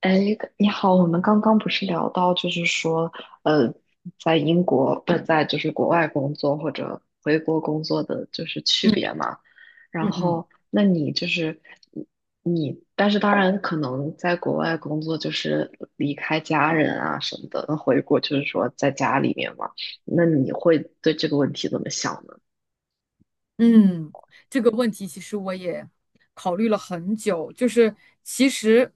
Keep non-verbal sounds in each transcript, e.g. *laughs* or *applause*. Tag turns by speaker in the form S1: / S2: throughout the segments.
S1: 哎，你好，我们刚刚不是聊到，就是说，呃，在英国不是在就是国外工作或者回国工作的就是区别
S2: 嗯
S1: 嘛？然
S2: 嗯嗯，
S1: 后，那你就是你，你但是当然可能在国外工作就是离开家人啊什么的，那回国就是说在家里面嘛。那你会对这个问题怎么想呢？
S2: 嗯，这个问题其实我也考虑了很久，就是其实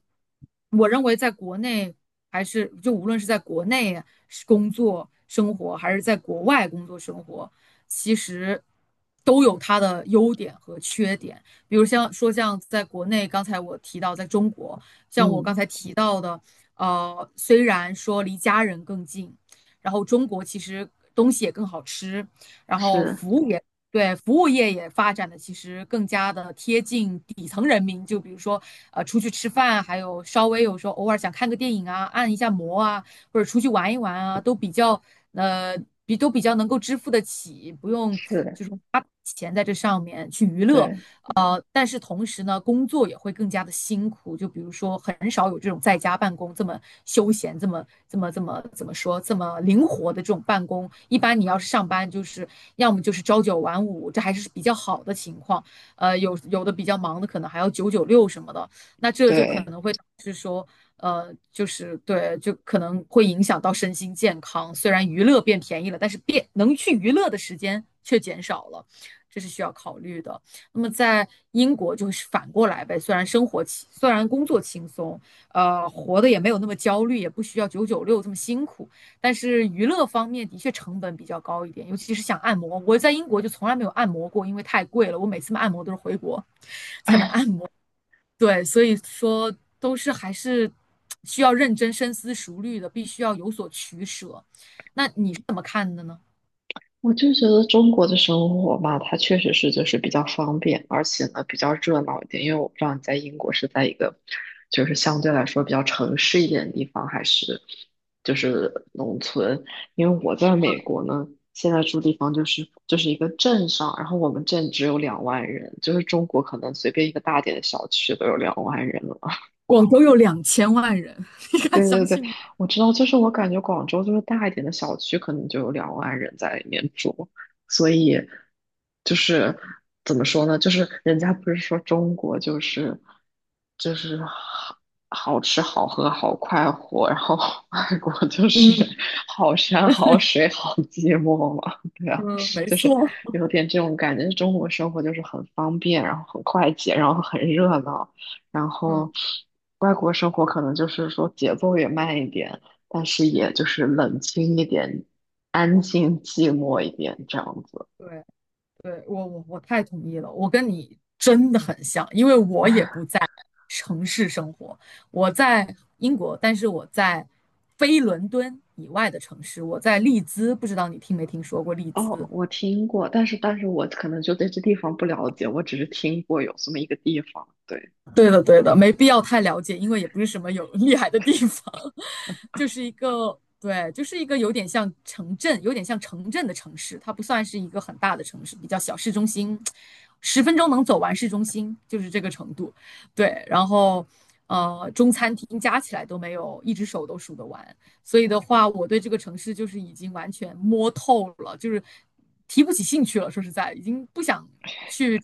S2: 我认为在国内还是就无论是在国内是工作生活，还是在国外工作生活，其实都有它的优点和缺点。比如像说像在国内，刚才我提到在中国，像我
S1: 嗯，
S2: 刚才提到的，虽然说离家人更近，然后中国其实东西也更好吃。然后
S1: 是，
S2: 服务也对，服务业也发展的其实更加的贴近底层人民，就比如说，出去吃饭，还有稍微有时候偶尔想看个电影啊，按一下摩啊，或者出去玩一玩啊，都比较呃都比较能够支付得起，不用
S1: 是的，
S2: 就是花钱在这上面去娱乐。
S1: 对
S2: 但是同时呢，工作也会更加的辛苦。就比如说，很少有这种在家办公这么休闲、这么怎么说、这么灵活的这种办公。一般你要是上班，就是要么就是朝9晚5，这还是比较好的情况。有的比较忙的，可能还要九九六什么的。那这就可
S1: 对，
S2: 能会导致说，就是对，就可能会影响到身心健康。虽然娱乐变便宜了，但是变能去娱乐的时间却减少了，这是需要考虑的。那么在英国就是反过来呗，虽然工作轻松，活得也没有那么焦虑，也不需要九九六这么辛苦，但是娱乐方面的确成本比较高一点，尤其是想按摩，我在英国就从来没有按摩过，因为太贵了，我每次按摩都是回国才能
S1: *laughs*
S2: 按摩。对，所以说都是还是需要认真深思熟虑的，必须要有所取舍。那你是怎么看的呢？
S1: 我就觉得中国的生活吧，它确实是就是比较方便，而且呢比较热闹一点。因为我不知道你在英国是在一个就是相对来说比较城市一点的地方，还是就是农村。因为我在美国呢，现在住地方就是一个镇上，然后我们镇只有两万人，就是中国可能随便一个大点的小区都有两万人了。
S2: 广州有2000万人，*laughs* 你敢
S1: 对对
S2: 相
S1: 对，
S2: 信吗？
S1: 我知道，就是我感觉广州就是大一点的小区，可能就有两万人在里面住，所以就是怎么说呢？就是人家不是说中国就是好好吃好喝好快活，然后 *laughs* 外国就是
S2: 嗯，
S1: 好山好水好寂寞嘛，对啊，
S2: 嗯，没
S1: 就是
S2: 错。
S1: 有点这种感觉。中国生活就是很方便，然后很快捷，然后很热闹。然
S2: 嗯
S1: 后外国生活可能就是说节奏也慢一点，但是
S2: 嗯，
S1: 也就是冷清一点，安静寂寞一点这样子。
S2: 对对，我太同意了，我跟你真的很像，因为我也不在城市生活，我在英国，但是我在非伦敦以外的城市，我在利兹，不知道你听没听说过利
S1: 哦，
S2: 兹？
S1: 我听过，但是我可能就对这地方不了解，我只是听过有这么一个地方。对，
S2: 对的，对的，没必要太了解，因为也不是什么有厉害的地方，*laughs* 就是一个，对，就是一个有点像城镇，有点像城镇的城市，它不算是一个很大的城市，比较小市中心，10分钟能走完市中心，就是这个程度。对，然后中餐厅加起来都没有，一只手都数得完。所以的话，我对这个城市就是已经完全摸透了，就是提不起兴趣了。说实在，已经不想去。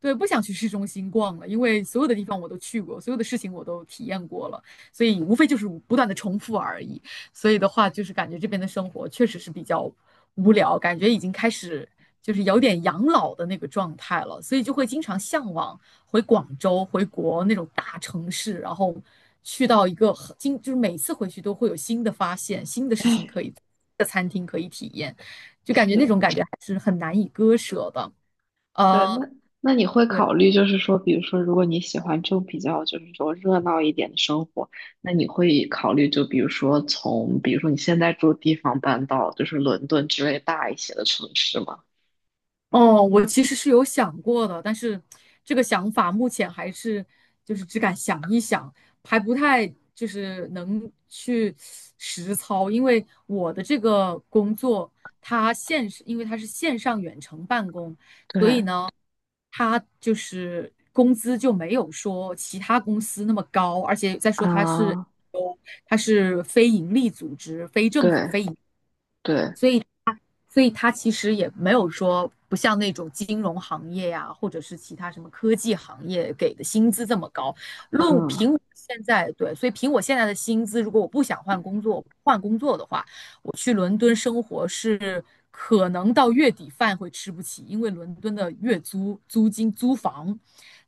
S2: 对，不想去市中心逛了，因为所有的地方我都去过，所有的事情我都体验过了，所以无非就是不断的重复而已。所以的话，就是感觉这边的生活确实是比较无聊，感觉已经开始就是有点养老的那个状态了，所以就会经常向往回广州、回国那种大城市，然后去到一个很经，就是每次回去都会有新的发现、新的事情可以，就感觉那
S1: 是，
S2: 种感觉还是很难以割舍的。
S1: 对，
S2: 呃。
S1: 那你会
S2: 对。
S1: 考虑，就是说，比如说，如果你喜欢这种比较，就是说热闹一点的生活，那你会考虑，就比如说从，比如说你现在住的地方搬到就是伦敦之类大一些的城市吗？
S2: 哦，我其实是有想过的，但是这个想法目前还是就是只敢想一想，还不太就是能去实操，因为我的这个工作，因为它是线上远程办公，所以
S1: 对，
S2: 呢，它就是工资就没有说其他公司那么高，而且再说它是
S1: 啊，
S2: 有它是非盈利组织、非政府、
S1: 对
S2: 非
S1: 对，
S2: 所以。所以它其实也没有说不像那种金融行业呀、啊或者是其他什么科技行业给的薪资这么高。论
S1: 嗯，
S2: 凭我现在对，所以凭我现在的薪资，如果我不想换工作，换工作的话，我去伦敦生活是可能到月底饭会吃不起，因为伦敦的月租租金租房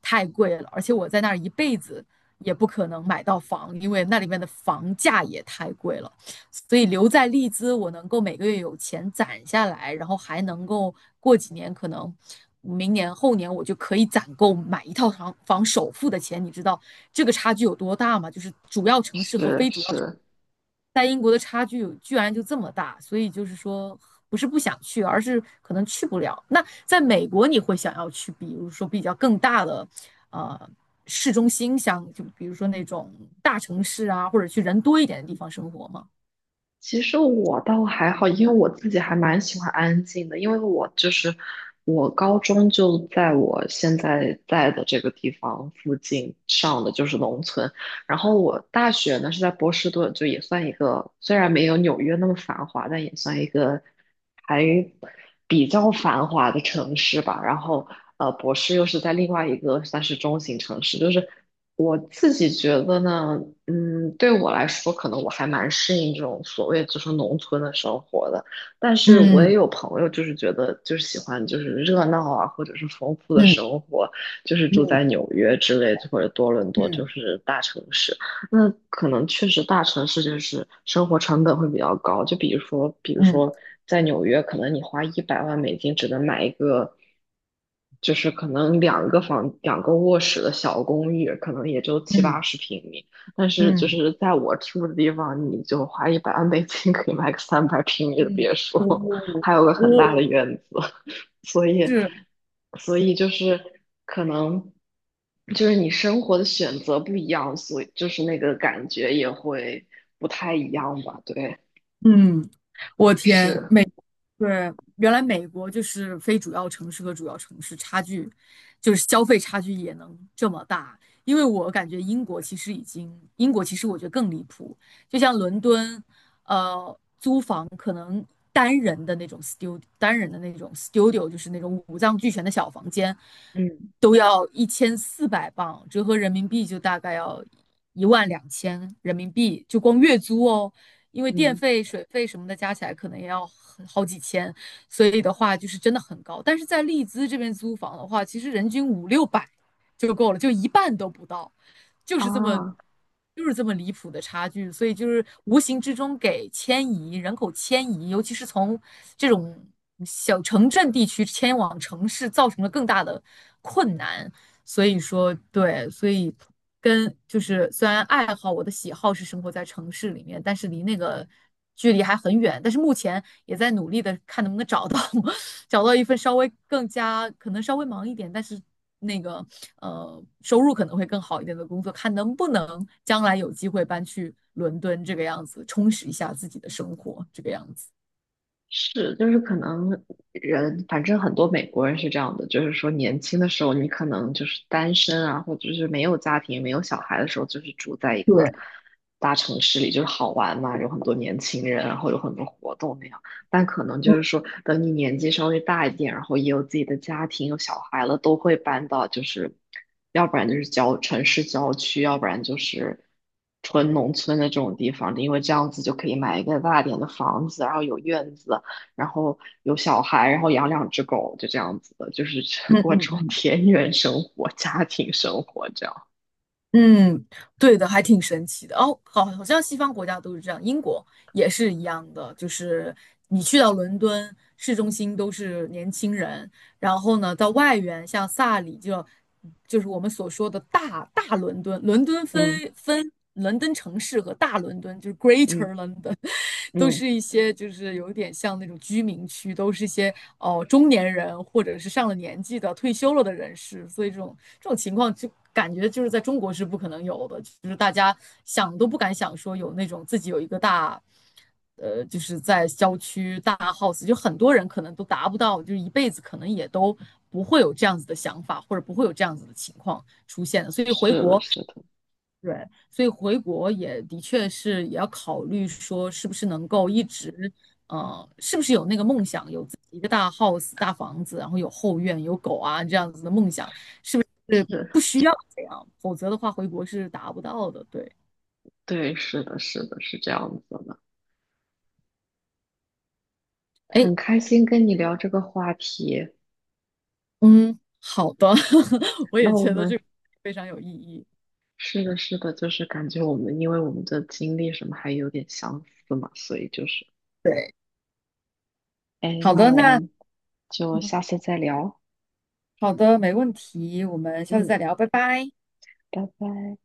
S2: 太贵了，而且我在那儿一辈子也不可能买到房，因为那里面的房价也太贵了。所以留在利兹，我能够每个月有钱攒下来，然后还能够过几年，可能明年后年我就可以攒够买一套房房首付的钱。你知道这个差距有多大吗？就是主要城市和
S1: 是
S2: 非主要城市
S1: 是。
S2: 在英国的差距有居然就这么大，所以就是说不是不想去，而是可能去不了。那在美国你会想要去，比如说比较更大的，呃。市中心像就比如说那种大城市啊，或者去人多一点的地方生活吗？
S1: 其实我倒还好，因为我自己还蛮喜欢安静的，因为我就是我高中就在我现在在的这个地方附近上的，就是农村。然后我大学呢是在波士顿，就也算一个，虽然没有纽约那么繁华，但也算一个还比较繁华的城市吧。然后博士又是在另外一个算是中型城市，就是。我自己觉得呢，对我来说，可能我还蛮适应这种所谓就是农村的生活的。但是我也
S2: 嗯，
S1: 有朋友，就是觉得就是喜欢就是热闹啊，或者是丰富的
S2: 嗯
S1: 生活，就是住在
S2: 嗯
S1: 纽约之类的或者多伦多，就
S2: 嗯
S1: 是大城市。那可能确实大城市就是生活成本会比较高，就比如说，比如
S2: 嗯
S1: 说在纽约，可能你花一百万美金只能买一个，就是可能两个房、两个卧室的小公寓，可能也就七八
S2: 嗯
S1: 十平米。但是就
S2: 嗯
S1: 是在我住的地方，你就花一百万美金可以买个300平米的
S2: 嗯，
S1: 别墅，
S2: 哦，
S1: 还有个
S2: 哦，
S1: 很大的院子。所以，
S2: 是，
S1: 所以就是可能就是你生活的选择不一样，所以就是那个感觉也会不太一样吧？对，
S2: 嗯，我天，
S1: 是，
S2: 对，原来美国就是非主要城市和主要城市差距，就是消费差距也能这么大。因为我感觉英国其实已经，英国其实我觉得更离谱，就像伦敦，呃，单人的那种 studio，单人的那种 studio，就是那种五脏俱全的小房间，
S1: 嗯
S2: 都要1400镑，折合人民币就大概要12000人民币，就光月租哦。因为电
S1: 嗯。
S2: 费、水费什么的加起来可能也要很好几千，所以的话就是真的很高。但是在利兹这边租房的话，其实人均五六百就够了，就一半都不到。就是这么
S1: 啊。
S2: 就是这么离谱的差距，所以就是无形之中给迁移人口迁移，尤其是从这种小城镇地区迁往城市，造成了更大的困难。所以说，对，所以跟就是虽然爱好我的喜好是生活在城市里面，但是离那个距离还很远。但是目前也在努力的看能不能找到 *laughs* 找到一份稍微更加可能稍微忙一点，但是那个收入可能会更好一点的工作，看能不能将来有机会搬去伦敦这个样子，充实一下自己的生活这个样子。
S1: 是，就是可能人，反正很多美国人是这样的，就是说年轻的时候你可能就是单身啊，或者是没有家庭、没有小孩的时候，就是住在一个大城市里，就是好玩嘛，有很多年轻人啊，然后有很多活动那样。但可能就是说，等你年纪稍微大一点，然后也有自己的家庭、有小孩了，都会搬到就是，要不然就是城市郊区，要不然就是纯农村的这种地方，因为这样子就可以买一个大点的房子，然后有院子。然后有小孩，然后养两只狗，就这样子的，就是 *laughs* 过这
S2: 嗯。
S1: 种田园生活、*laughs* 家庭生活这样。
S2: 嗯，对的，还挺神奇的哦。好，好像西方国家都是这样，英国也是一样的。就是你去到伦敦市中心都是年轻人，然后呢，到外缘像萨里就就是我们所说的大伦敦，伦敦
S1: 嗯
S2: 分伦敦城市和大伦敦，就是
S1: 嗯
S2: Greater London。都
S1: 嗯，
S2: 是一些就是有点像那种居民区，都是一些中年人或者是上了年纪的退休了的人士，所以这种情况就感觉就是在中国是不可能有的，就是大家想都不敢想说有那种自己有一个大。就是在郊区大 house，就很多人可能都达不到，就是一辈子可能也都不会有这样子的想法，或者不会有这样子的情况出现的。所以回
S1: 是的，
S2: 国
S1: 是的，
S2: 对，所以回国也的确是也要考虑说，是不是能够一直，是不是有那个梦想，有自己一个大 house、大房子，然后有后院、有狗啊这样子的梦想，是
S1: 是，
S2: 不需要这样，否则的话回国是达不到的。对，
S1: 对，是的，是的，是这样子的。
S2: 哎，
S1: 很开心跟你聊这个话题。
S2: 嗯，好的，*laughs* 我
S1: 那
S2: 也
S1: 我
S2: 觉得这
S1: 们
S2: 个非常有意义。
S1: 是的，是的，就是感觉我们因为我们的经历什么还有点相似嘛，所以就是，
S2: 对，
S1: 哎，
S2: 好
S1: 那
S2: 的，
S1: 我
S2: 那
S1: 们就下次再聊。
S2: 好的，没问题，我们下次
S1: 嗯，
S2: 再聊，拜拜。
S1: 拜拜。